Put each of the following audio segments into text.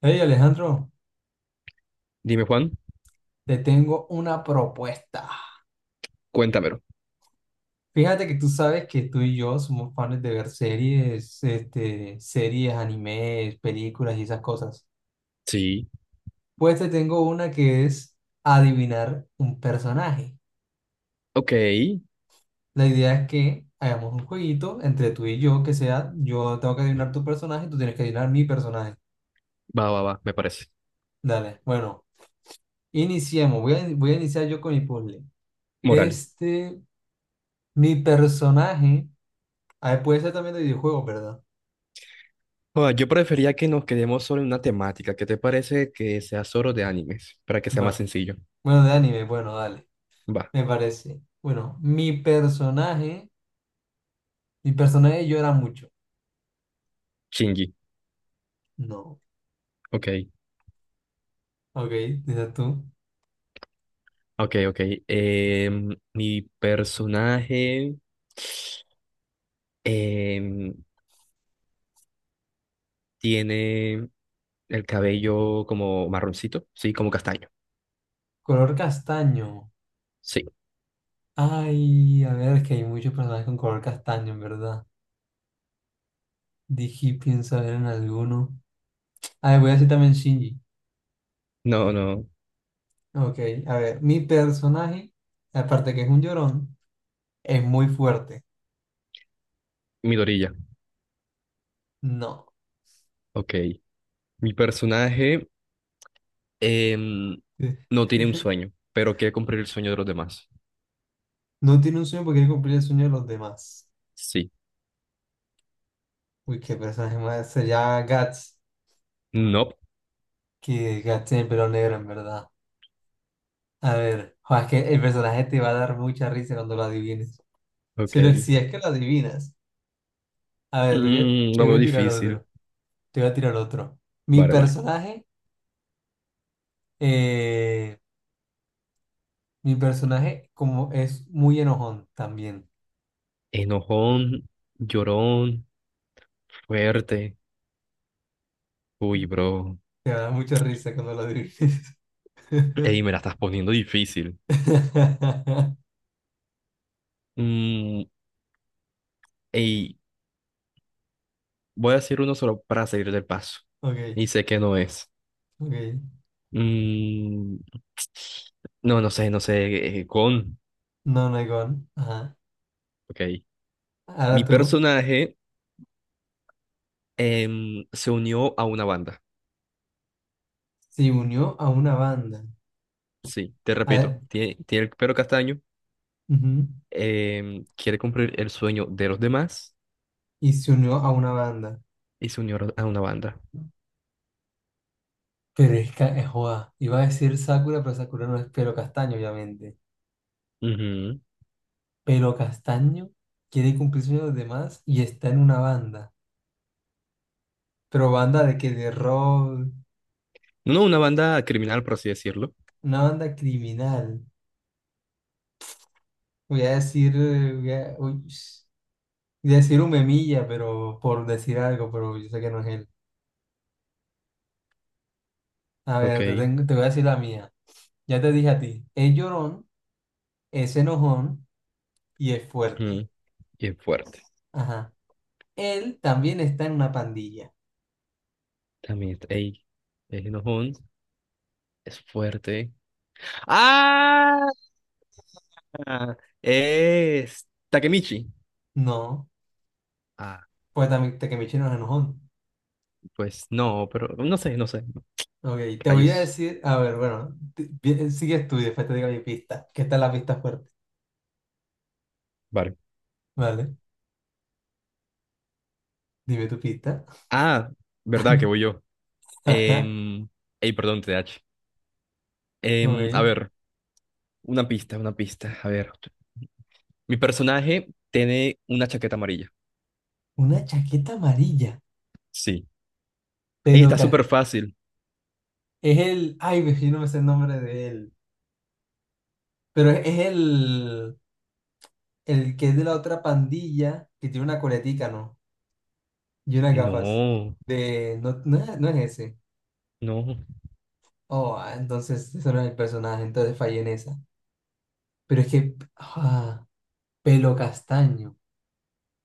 Hey Alejandro, Dime, Juan, te tengo una propuesta. cuéntamelo. Fíjate que tú sabes que tú y yo somos fans de ver series, este, series, animes, películas y esas cosas. Sí. Pues te tengo una que es adivinar un personaje. Ok, La idea es que hagamos un jueguito entre tú y yo, que sea, yo tengo que adivinar tu personaje y tú tienes que adivinar mi personaje. va, va, va, me parece. Dale, bueno, iniciemos. Voy a iniciar yo con mi puzzle. Moral. Este, mi personaje, ah, puede ser también de videojuegos, ¿verdad? Juan, yo prefería que nos quedemos solo en una temática. ¿Qué te parece que sea solo de animes? Para que sea más Va. sencillo. Bueno, de anime, bueno, dale, Va. me parece. Bueno, mi personaje llora mucho. Shinji. No, Ok, ok, dices tú. ok, ok. Mi personaje em, tiene el cabello como marroncito, sí, como castaño. Color castaño. Sí, Ay, a ver, es que hay muchos personajes con color castaño, en verdad. Dije, pienso ver en alguno. A ver, voy a decir también Shinji. no, no, Ok, a ver, mi personaje, aparte que es un llorón, es muy fuerte. mi dorilla. No. Ok, mi personaje. Em, no tiene un sueño, pero quiere cumplir el sueño de los demás. No tiene un sueño porque quiere cumplir el sueño de los demás. Sí. Uy, qué personaje más. Sería Guts. No. Que desgaste en el pelo negro, en verdad. A ver, jo, es que el personaje te va a dar mucha risa cuando lo adivines. Si, Ok. lo, si es que lo adivinas. A ver, te voy a, Mm, te lo voy veo a tirar difícil. otro. Te voy a tirar otro. Mi Vale, vale. personaje, eh, mi personaje como es muy enojón también. Enojón, llorón, fuerte. Uy, bro. Te va a dar mucha risa cuando lo adivines. Ey, me la estás poniendo difícil. Mm, ey, voy a decir uno solo para salir del paso. Ok, Y sé que no es. ok. Mm, no, no sé, no sé. Eh, con. No, no hay con. Ajá. Ok. Mi Ahora tú. personaje se unió a una banda. Se unió a una banda. Sí, te A ver, repito, tiene el pelo castaño, ujú. Quiere cumplir el sueño de los demás Y se unió a una banda. y se unió a una banda. Pero es que, joda, iba a decir Sakura, pero Sakura no es pelo castaño, obviamente. Ujú. Pelo castaño, quiere cumplir sueños de los demás y está en una banda. Pero banda de que de rock, No, una banda criminal, por así decirlo. una banda criminal. Voy a decir, voy a decir un memilla, pero por decir algo, pero yo sé que no es él. A Ok. ver, te voy a decir la mía. Ya te dije a ti, es llorón, es enojón y es fuerte. Ujú. Y es fuerte. Ajá. Él también está en una pandilla. También está, ey, es enojón, es fuerte. ¡Ah! Es Takemichi. No, Ah, pues también te que me echen enojón. pues no, pero no sé, no sé. Ok, te voy a Rayos. decir, a ver, bueno, bien, sigues tú y después te digo mi pista, que esta es la pista fuerte, Vale. ¿vale? Dime tu pista. Ah, verdad que voy yo. Em, Ey, perdón, TH. A Ok, ver. Una pista, una pista. A ver. Mi personaje tiene una chaqueta amarilla. una chaqueta amarilla, Sí. Ey, pelo está cas- súper fácil. es el, ay, ve, yo no me sé el nombre de él, pero es el que es de la otra pandilla, que tiene una coletica, ¿no? Y unas gafas No, de, no, no, es no es ese. no. Oh, ah, entonces ese no es el personaje, entonces fallé en esa. Pero es que, ah, pelo castaño.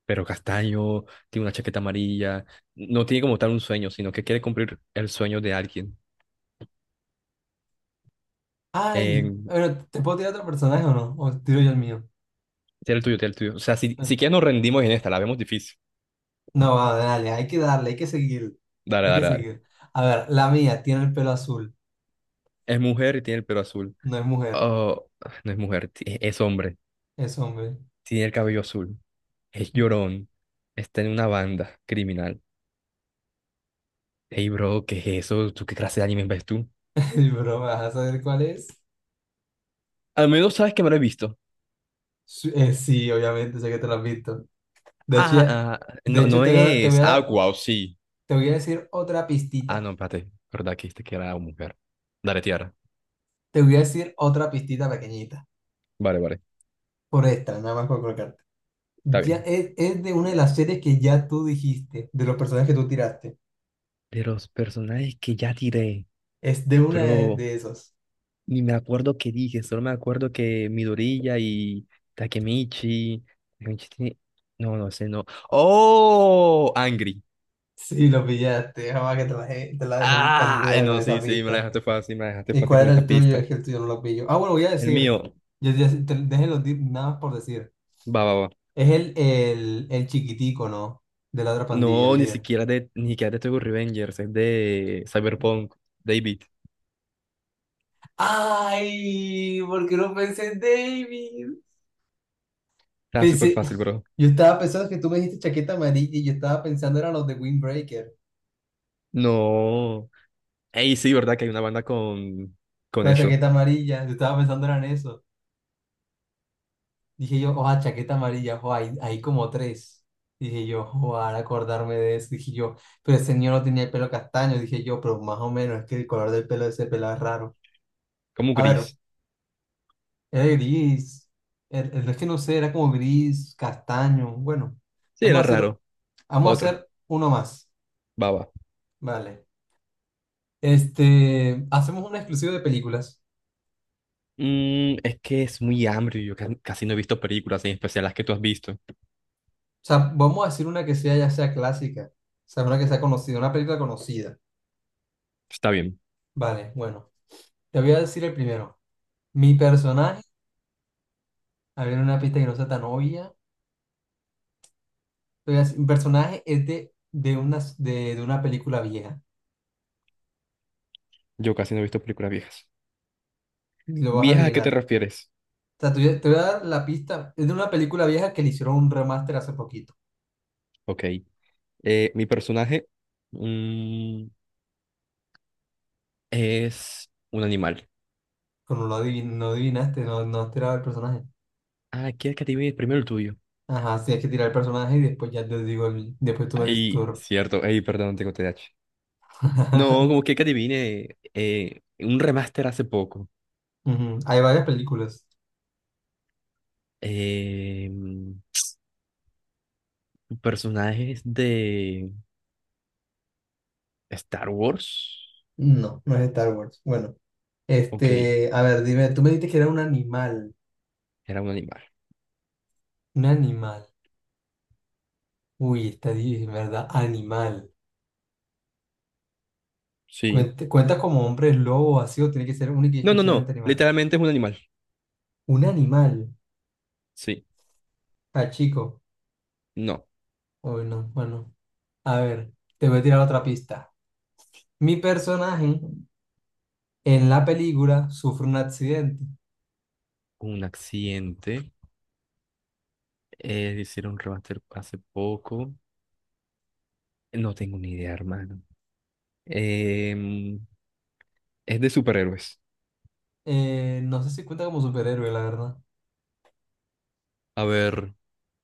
Pero Castaño tiene una chaqueta amarilla. No tiene como tal un sueño, sino que quiere cumplir el sueño de alguien. Ay, Eh, bueno, ¿te puedo tirar otro personaje o no? ¿O tiro yo el mío? tiene el tuyo, tiene el tuyo. O sea, si, si Bueno, quieres nos rendimos en esta, la vemos difícil. no, va, dale, hay que darle, hay que seguir, Dale, hay que dale, dale. seguir. A ver, la mía tiene el pelo azul, Es mujer y tiene el pelo azul. no es mujer, Oh, no es mujer, ti- es hombre. es hombre. Tiene el cabello azul. Es Ujú. llorón. Está en una banda criminal. Hey, bro, ¿qué es eso? ¿Tú qué clase de anime ves tú? Y, bro, ¿vas a saber cuál es? Al menos sabes que me lo he visto. Sí, sí, obviamente, sé que te lo has visto. De hecho, Ah, ah, no, no te voy es. a Ah, dar, wow, sí. te voy a decir otra Ah, no, pistita. espérate. ¿Verdad que dijiste que era una mujer? Dale, tierra. Te voy a decir otra pistita pequeñita. Vale, vale. Por esta, nada más por colocarte. Está Ya bien. Es de una de las series que ya tú dijiste, de los personajes que tú tiraste. De los personajes que ya tiré, Es de una pero de esos. ni me acuerdo qué dije, solo me acuerdo que Midoriya y Takemichi. Takemichi tiene- no, no sé, no. ¡Oh! Angry. Sí, lo pillaste. Jamás que te la dejé en Ah, ay, bandeja con no, sí, esa sí, me la pista. dejaste fácil, me la dejaste ¿Y fácil cuál con era esa el tuyo? pista. Es que el tuyo no lo pillo. Ah, bueno, voy a El decir. mío, Déjenlo nada más por decir. va, va, va. Es el chiquitico, ¿no? De la otra pandilla, el No, líder. Ni siquiera de Tokyo Revengers, es de Cyberpunk, David. ¡Ay! ¿Por qué no pensé en David? Está súper Pensé. fácil, bro. Yo estaba pensando que tú me dijiste chaqueta amarilla y yo estaba pensando eran los de Windbreaker. No. Ey, sí, ¿verdad? Que hay una banda con Con la eso. chaqueta amarilla. Yo estaba pensando eran eso. Dije yo, oh chaqueta amarilla, oh hay, hay como tres. Dije yo, oh al acordarme de eso, dije yo, pero el señor no tenía el pelo castaño, dije yo, pero más o menos, es que el color del pelo de ese pelado es raro. Como A ver, gris. era gris, es que no sé, era como gris, castaño, bueno, Sí, vamos era a hacer, raro. vamos a Otra. hacer uno más, Baba. vale. Este, hacemos una exclusiva de películas, Mm, es que es muy hambre. Yo ca- casi no he visto películas, en especial las que tú has visto. o sea, vamos a decir una que sea, ya sea clásica, o sea, una que sea conocida, una película conocida, Está bien. vale, bueno, te voy a decir el primero. Mi personaje, a ver una pista que no sea tan obvia. Entonces, mi personaje es de una película vieja. Yo casi no he visto películas viejas. Lo vas a ¿Viejas a qué te adivinar. refieres? O sea, te voy a dar la pista. Es de una película vieja que le hicieron un remaster hace poquito. Ok. Mi personaje, mm, es un animal. Como no adivinaste, no, no has tirado el personaje. Ah, ¿quieres que adivine primero el tuyo? Ajá, sí, hay que tirar el personaje y después ya te digo, después tú me dices Ey, cierto. Ey, perdón, tengo TDAH. No, como que adivine Un remaster hace poco. Ujú, hay varias películas. Eh, personajes de Star Wars. No, no es de Star Wars. Bueno, Ok, este, a ver, dime, tú me dijiste que era un animal. era un animal. Un animal. Uy, está difícil, ¿verdad? Animal. Sí. Cuenta como hombre lobo así o tiene que ser único y No, no, no. exclusivamente animal. Literalmente es un animal. Un animal. Sí. Ah chico. No. Uy, no, bueno. A ver, te voy a tirar otra pista. Mi personaje en la película sufre un accidente. Un accidente. Hicieron un remaster hace poco. No tengo ni idea, hermano. Em, es de superhéroes. No sé si cuenta como superhéroe, la verdad. A ver,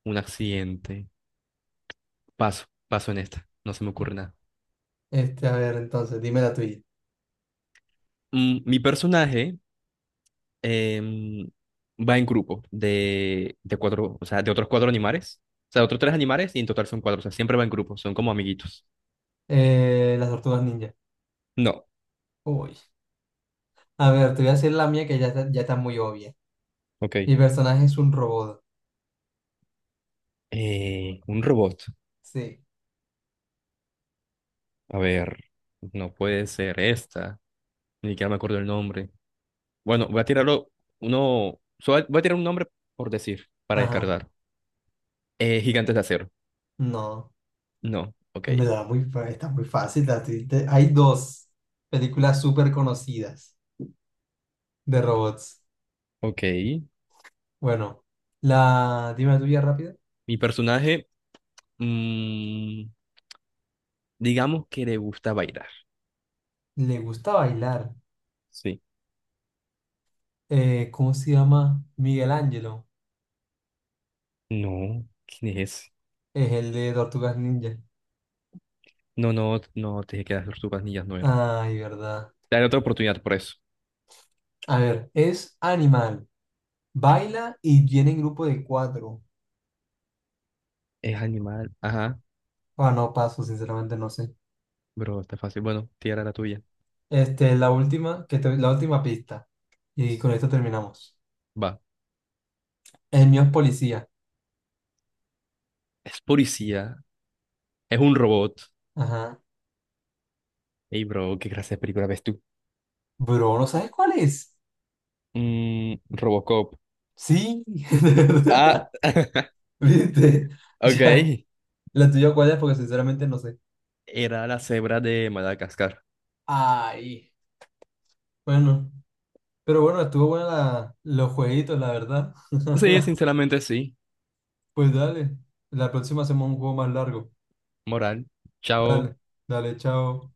un accidente. Paso, paso en esta. No se me ocurre nada. Este, a ver, entonces, dime la tuya. Mm, mi personaje, em, va en grupo de cuatro, o sea, de otros cuatro animales. O sea, de otros tres animales y en total son cuatro. O sea, siempre va en grupo, son como amiguitos. Las tortugas ninja. No, Uy. A ver, te voy a decir la mía que ya está muy obvia. ok. Mi personaje es un robot. Un robot. Sí. A ver, no puede ser esta. Ni siquiera me acuerdo el nombre. Bueno, voy a tirarlo uno. Solo voy a tirar un nombre por decir, para Ajá. descartar. Gigantes de Acero. No. No, ok. En verdad, está muy fácil. Hay dos películas súper conocidas de robots. Ok. Bueno, la, dime la tuya rápida. Mi personaje, mm, digamos que le gusta bailar. Le gusta bailar. Sí. ¿Cómo se llama? Miguel Ángelo. No, ¿quién es? Es el de Tortugas Ninja. No, no, no, te dije que las tortugas ninjas no era. Ay, verdad. Te daré otra oportunidad por eso. A ver, es animal. Baila y viene en grupo de cuatro. Es animal. Ajá, Ah, no paso, sinceramente no sé. bro, está fácil. Bueno, tierra la tuya. Este, la última, la última pista. Y con esto terminamos. Va. El mío es policía. Es policía. Es un robot. Ajá. Ey, bro, qué clase de película ves tú. Bro, ¿no sabes cuál es? Mm, Robocop. Sí, de Ah, verdad. ¿Viste? Ya, ok. la tuya cuál es porque sinceramente no sé. Era la cebra de Madagascar. Ay, bueno, pero bueno, estuvo buena la, los jueguitos, la verdad. Sí, sinceramente sí. Pues dale, la próxima hacemos un juego más largo. Moral. Chao. Dale, dale, chao.